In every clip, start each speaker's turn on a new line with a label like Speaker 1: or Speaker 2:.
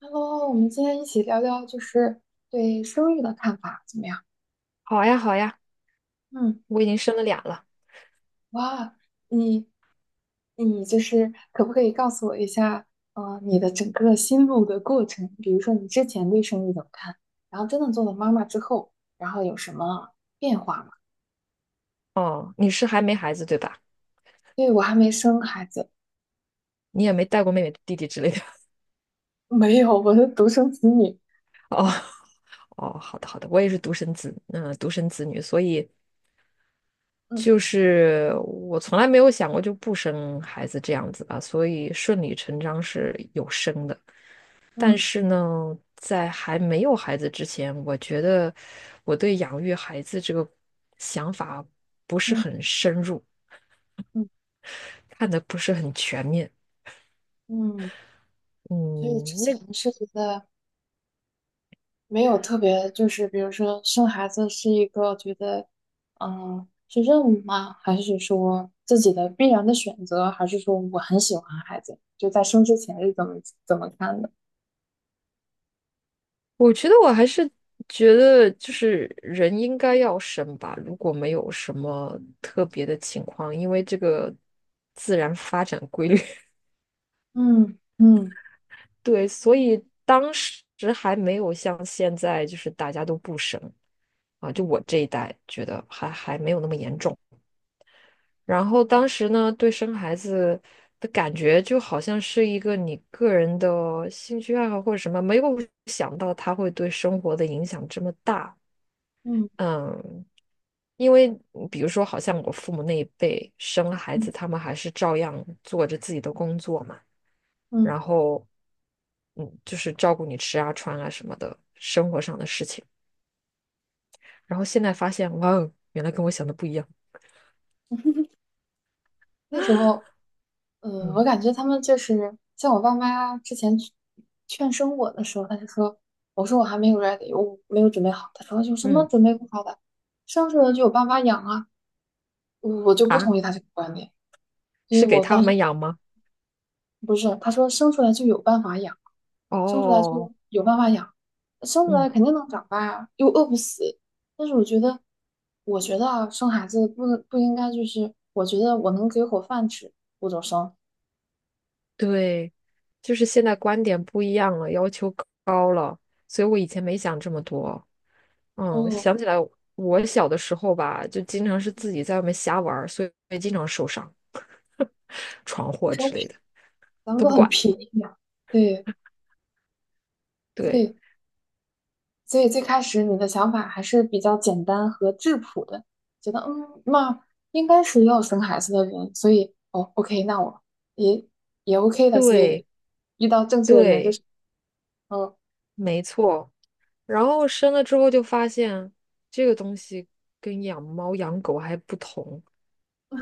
Speaker 1: Hello，我们今天一起聊聊就是对生育的看法怎么样？
Speaker 2: 好呀，好呀，
Speaker 1: 嗯，
Speaker 2: 我已经生了俩了。
Speaker 1: 哇，你你就是可不可以告诉我一下，你的整个心路的过程？比如说你之前对生育怎么看，然后真的做了妈妈之后，然后有什么变化吗？
Speaker 2: 哦，你是还没孩子对吧？
Speaker 1: 对，我还没生孩子，
Speaker 2: 你也没带过妹妹、弟弟之类的。
Speaker 1: 没有，我是独生子女。
Speaker 2: 哦，哦，好的，好的，我也是独生子，独生子女，所以就
Speaker 1: 嗯
Speaker 2: 是我从来没有想过就不生孩子这样子吧，所以顺理成章是有生的。但
Speaker 1: 嗯
Speaker 2: 是呢，在还没有孩子之前，我觉得我对养育孩子这个想法不是
Speaker 1: 嗯
Speaker 2: 很深入，
Speaker 1: 嗯
Speaker 2: 看的不是很全面。
Speaker 1: 嗯，所以之
Speaker 2: 嗯，那
Speaker 1: 前是觉得。没有特别，就是比如说生孩子是一个觉得，是任务吗？还是说自己的必然的选择？还是说我很喜欢孩子？就在生之前是怎么看的？
Speaker 2: 我觉得我还是觉得，就是人应该要生吧，如果没有什么特别的情况，因为这个自然发展规律，
Speaker 1: 嗯嗯
Speaker 2: 对，所以当时还没有像现在，就是大家都不生啊，就
Speaker 1: 嗯
Speaker 2: 我这一代觉得还没有那么严重。然后当时呢，对生孩子的感觉就好像是一个你个人的兴趣爱好或者什么，没有想到它会对生活的影响这么大。
Speaker 1: 嗯
Speaker 2: 嗯，因为比如说，好像我父母那一辈生了孩
Speaker 1: 嗯
Speaker 2: 子，他们还是照样做着自己的工作嘛，
Speaker 1: 嗯，
Speaker 2: 然后，就是照顾你吃啊、穿啊什么的，生活上的事情。然后现在发现，哇哦，原来跟我想的不一样。
Speaker 1: 那时候，我
Speaker 2: 嗯
Speaker 1: 感觉他们就是像我爸妈之前劝生我的时候，他就说，我说我还没有 ready，我没有准备好。他说有什么
Speaker 2: 嗯。
Speaker 1: 准备不好的，生出来就有爸妈养啊。我就不
Speaker 2: 啊，
Speaker 1: 同意他这个观点。所以
Speaker 2: 是给
Speaker 1: 我当
Speaker 2: 他
Speaker 1: 时。
Speaker 2: 们养吗？
Speaker 1: 不是，他说生出来就有办法养，生出来就
Speaker 2: 哦，
Speaker 1: 有办法养，生出来
Speaker 2: 嗯，
Speaker 1: 肯定能长大呀，又饿不死。但是我觉得啊，生孩子不能不应该就是，我觉得我能给口饭吃，我就生。
Speaker 2: 对，就是现在观点不一样了，要求高了，所以我以前没想这么多。
Speaker 1: 哦，
Speaker 2: 想起来我小的时候吧，就经常是自己在外面瞎玩儿，所以经常受伤、闯
Speaker 1: 那
Speaker 2: 祸
Speaker 1: 时候
Speaker 2: 之类的，
Speaker 1: 咱们
Speaker 2: 都
Speaker 1: 都
Speaker 2: 不
Speaker 1: 很
Speaker 2: 管。
Speaker 1: 便宜呀，对
Speaker 2: 对
Speaker 1: 对，所以最开始你的想法还是比较简单和质朴的，觉得那应该是要生孩子的人，所以哦，OK，那我也也 OK 的，所以
Speaker 2: 对
Speaker 1: 遇到正确的人就是
Speaker 2: 对，
Speaker 1: 嗯
Speaker 2: 没错。然后生了之后就发现，这个东西跟养猫养狗还不同，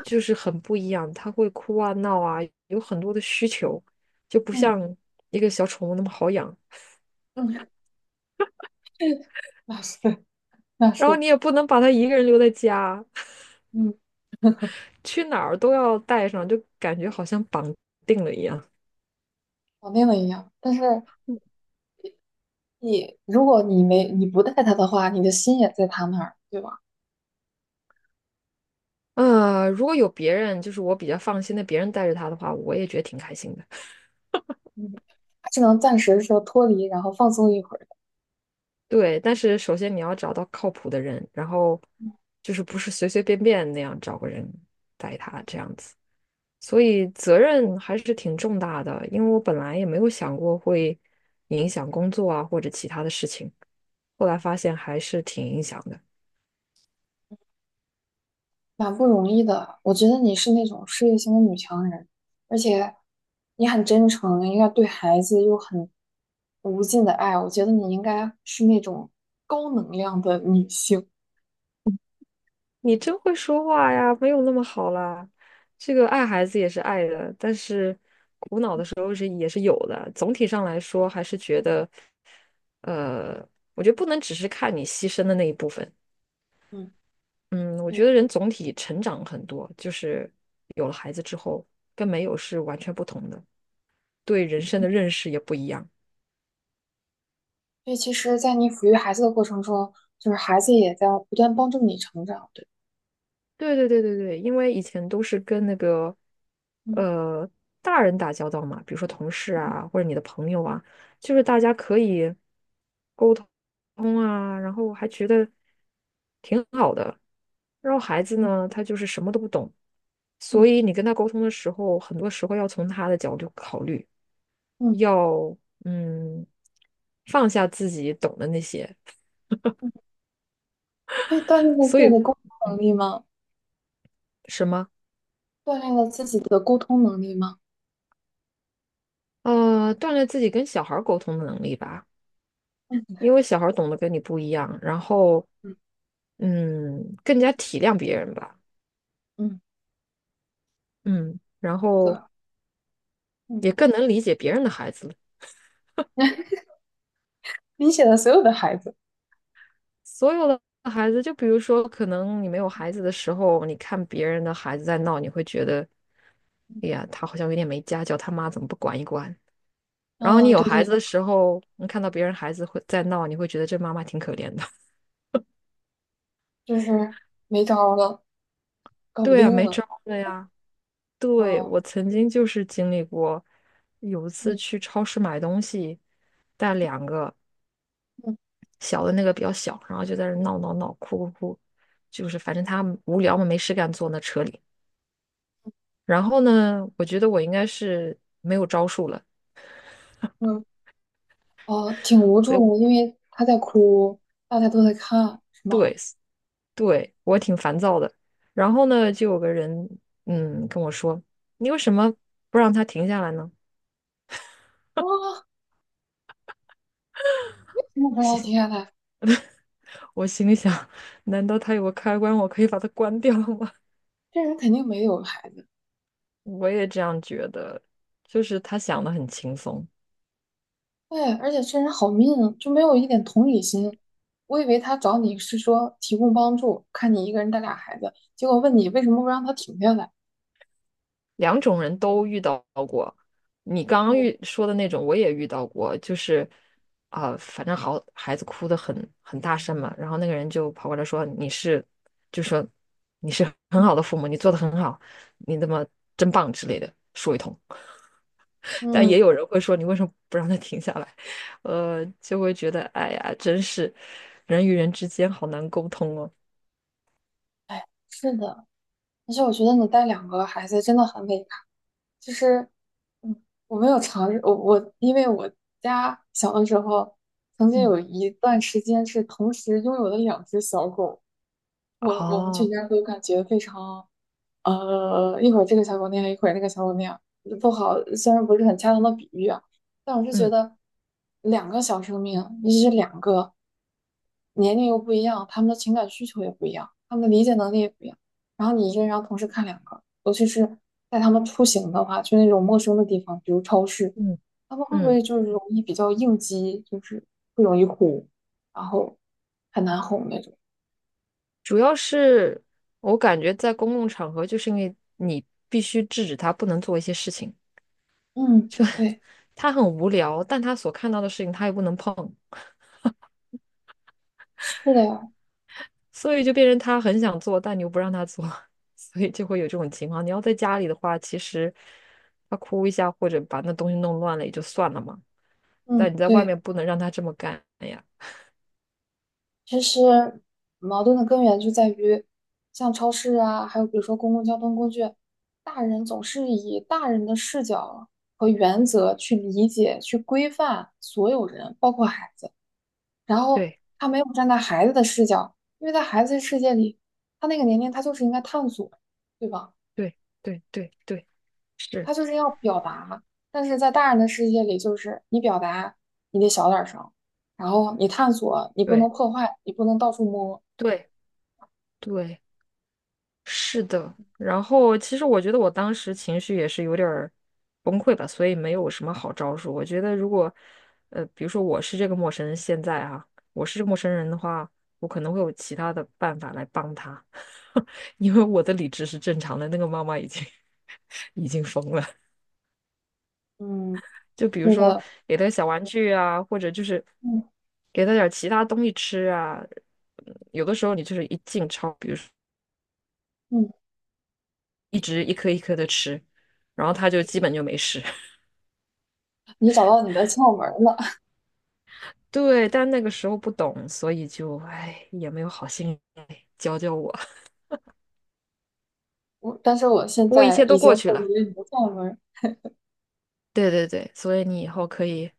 Speaker 2: 就是很不一样。它会哭啊、闹啊，有很多的需求，就不
Speaker 1: 嗯
Speaker 2: 像一个小宠物那么好养。
Speaker 1: 嗯，那是那
Speaker 2: 然后
Speaker 1: 是，
Speaker 2: 你也不能把它一个人留在家，
Speaker 1: 嗯，
Speaker 2: 去哪儿都要带上，就感觉好像绑定了一样。
Speaker 1: 搞定了一样。但是如果你不带他的话，你的心也在他那儿，对吧？
Speaker 2: 如果有别人，就是我比较放心的，别人带着他的话，我也觉得挺开心的。
Speaker 1: 嗯，只能暂时说脱离，然后放松一会儿。
Speaker 2: 对，但是首先你要找到靠谱的人，然后就是不是随随便便那样找个人带他这样子，所以责任还是挺重大的。因为我本来也没有想过会影响工作啊或者其他的事情，后来发现还是挺影响的。
Speaker 1: 蛮不容易的。我觉得你是那种事业型的女强人，而且你很真诚，应该对孩子又很无尽的爱。我觉得你应该是那种高能量的女性。
Speaker 2: 你真会说话呀，没有那么好啦。这个爱孩子也是爱的，但是苦恼的时候是也是有的。总体上来说，还是觉得，呃，我觉得不能只是看你牺牲的那一部分。
Speaker 1: 嗯，
Speaker 2: 嗯，我觉
Speaker 1: 对。
Speaker 2: 得人总体成长很多，就是有了孩子之后，跟没有是完全不同的，对人生的认识也不一样。
Speaker 1: 所以其实，在你抚育孩子的过程中，就是孩子也在不断帮助你成长。对，
Speaker 2: 对对对对对，因为以前都是跟那个
Speaker 1: 嗯
Speaker 2: 呃大人打交道嘛，比如说同事啊，或者你的朋友啊，就是大家可以沟通啊，然后还觉得挺好的。然后孩子
Speaker 1: 嗯
Speaker 2: 呢，他就是什么都不懂，
Speaker 1: 嗯
Speaker 2: 所以你跟他沟通的时候，很多时候要从他的角度考虑，
Speaker 1: 嗯，
Speaker 2: 要嗯放下自己懂的那些，
Speaker 1: 所以锻炼了自
Speaker 2: 所
Speaker 1: 己
Speaker 2: 以
Speaker 1: 的沟通能力吗？
Speaker 2: 什么，
Speaker 1: 锻炼了自己的沟通能力吗？
Speaker 2: 锻炼自己跟小孩儿沟通的能力吧。
Speaker 1: 嗯
Speaker 2: 因为小孩儿懂得跟你不一样，然后
Speaker 1: 嗯
Speaker 2: 更加体谅别人吧，
Speaker 1: 嗯，
Speaker 2: 嗯，然
Speaker 1: 对，
Speaker 2: 后
Speaker 1: 嗯，
Speaker 2: 也更能理解别人的孩子了。
Speaker 1: 理解了所有的孩子。
Speaker 2: 所有的孩子，就比如说，可能你没有孩子的时候，你看别人的孩子在闹，你会觉得，哎呀，他好像有点没家教，他妈怎么不管一管？然后你
Speaker 1: 啊，
Speaker 2: 有
Speaker 1: 对
Speaker 2: 孩
Speaker 1: 对
Speaker 2: 子的时候，你看到别人孩子会在闹，你会觉得这妈妈挺可怜的。
Speaker 1: 就是没招儿了，搞不
Speaker 2: 对啊，
Speaker 1: 定
Speaker 2: 没招
Speaker 1: 了。
Speaker 2: 儿的呀。对，
Speaker 1: 哦，
Speaker 2: 我曾经就是经历过，有一次
Speaker 1: 嗯
Speaker 2: 去超市买东西，带两个
Speaker 1: 嗯
Speaker 2: 小的那个比较小，然后就在那儿闹闹闹、哭哭哭，就是反正他们无聊嘛，没事干坐那车里。然后呢，我觉得我应该是没有招数了，
Speaker 1: 嗯，哦，挺无
Speaker 2: 所以我，
Speaker 1: 助，因为他在哭，大家都在看，是吗？
Speaker 2: 对，对，我挺烦躁的。然后呢，就有个人跟我说：“你为什么不让他停下来呢？”
Speaker 1: 哇，我停
Speaker 2: 心
Speaker 1: 下呐，
Speaker 2: 我心里想，难道他有个开关，我可以把它关掉吗？
Speaker 1: 这人肯定没有孩子。
Speaker 2: 我也这样觉得，就是他想的很轻松。
Speaker 1: 对，而且这人好命 e 就没有一点同理心。我以为他找你是说提供帮助，看你一个人带俩孩子，结果问你为什么不让他停下来。
Speaker 2: 两种人都遇到过，你刚刚
Speaker 1: 嗯
Speaker 2: 说的那种我也遇到过，就是啊、反正好孩子哭的很大声嘛，然后那个人就跑过来说你是，就说你是很
Speaker 1: 嗯
Speaker 2: 好的父母，你做的很好，你那么真棒之类的说一通。但
Speaker 1: 嗯，
Speaker 2: 也有人会说你为什么不让他停下来？就会觉得哎呀，真是人与人之间好难沟通哦。
Speaker 1: 哎，是的，而且我觉得你带两个孩子真的很伟大。就是，嗯，我没有尝试，因为我家小的时候曾经
Speaker 2: 嗯，
Speaker 1: 有一段时间是同时拥有了两只小狗，我们全
Speaker 2: 哦，
Speaker 1: 家都感觉非常一会儿这个小狗那样，一会儿那个小狗那样，不好，虽然不是很恰当的比喻啊，但我是觉
Speaker 2: 嗯。
Speaker 1: 得两个小生命，尤其是两个年龄又不一样，他们的情感需求也不一样，他们的理解能力也不一样，然后你一个人要同时看两个，尤其是带他们出行的话，去那种陌生的地方，比如超市，
Speaker 2: 嗯，
Speaker 1: 他们会不
Speaker 2: 嗯，
Speaker 1: 会就是容易比较应激，就是会容易哭，然后很难哄那种？
Speaker 2: 主要是我感觉在公共场合，就是因为你必须制止他不能做一些事情，
Speaker 1: 嗯，对，
Speaker 2: 他很无聊，但他所看到的事情他又不能碰，
Speaker 1: 是的，
Speaker 2: 所以就变成他很想做，但你又不让他做，所以就会有这种情况。你要在家里的话，其实他哭一下或者把那东西弄乱了也就算了嘛，
Speaker 1: 嗯，
Speaker 2: 但你在外
Speaker 1: 对。
Speaker 2: 面不能让他这么干呀。
Speaker 1: 其实矛盾的根源就在于，像超市啊，还有比如说公共交通工具，大人总是以大人的视角和原则去理解、去规范所有人，包括孩子。然后
Speaker 2: 对
Speaker 1: 他没有站在孩子的视角，因为在孩子的世界里，他那个年龄他就是应该探索，对吧？
Speaker 2: 对对对对，是，
Speaker 1: 他就是要表达，但是在大人的世界里，就是你表达你得小点儿声，然后你探索，你不能
Speaker 2: 对
Speaker 1: 破坏，你不能到处摸。
Speaker 2: 对对。是的，然后其实我觉得我当时情绪也是有点儿崩溃吧，所以没有什么好招数。我觉得如果，比如说我是这个陌生人，现在啊，我是这个陌生人的话，我可能会有其他的办法来帮他，因为我的理智是正常的，那个妈妈已经 已经疯了。
Speaker 1: 嗯，
Speaker 2: 就
Speaker 1: 是
Speaker 2: 比如说
Speaker 1: 的，
Speaker 2: 给他小玩具啊，或者就是
Speaker 1: 嗯
Speaker 2: 给他点儿其他东西吃啊。嗯有的时候你就是一进超，比如说，
Speaker 1: 嗯，
Speaker 2: 一直一颗一颗的吃，然后他就基本就没事。
Speaker 1: 你找到你的窍门儿了。
Speaker 2: 对，但那个时候不懂，所以就哎也没有好心来教教我。
Speaker 1: 但是我现
Speaker 2: 不过一
Speaker 1: 在
Speaker 2: 切
Speaker 1: 已
Speaker 2: 都
Speaker 1: 经
Speaker 2: 过去
Speaker 1: 获得
Speaker 2: 了。
Speaker 1: 了你的窍门儿。
Speaker 2: 对对对，所以你以后可以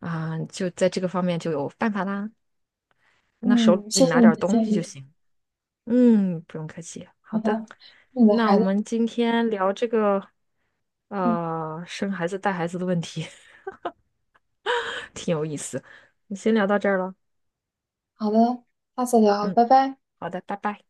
Speaker 2: 啊、就在这个方面就有办法啦。那手
Speaker 1: 嗯，
Speaker 2: 里
Speaker 1: 谢谢
Speaker 2: 拿
Speaker 1: 你
Speaker 2: 点
Speaker 1: 的
Speaker 2: 东
Speaker 1: 建
Speaker 2: 西就
Speaker 1: 议。
Speaker 2: 行。嗯，不用客气。好
Speaker 1: 好
Speaker 2: 的，
Speaker 1: 的，祝你的
Speaker 2: 那
Speaker 1: 孩
Speaker 2: 我
Speaker 1: 子。
Speaker 2: 们今天聊这个
Speaker 1: 嗯，
Speaker 2: 生孩子带孩子的问题，挺有意思。你先聊到这儿了。
Speaker 1: 好的，下次聊，
Speaker 2: 嗯，
Speaker 1: 拜拜。
Speaker 2: 好的，拜拜。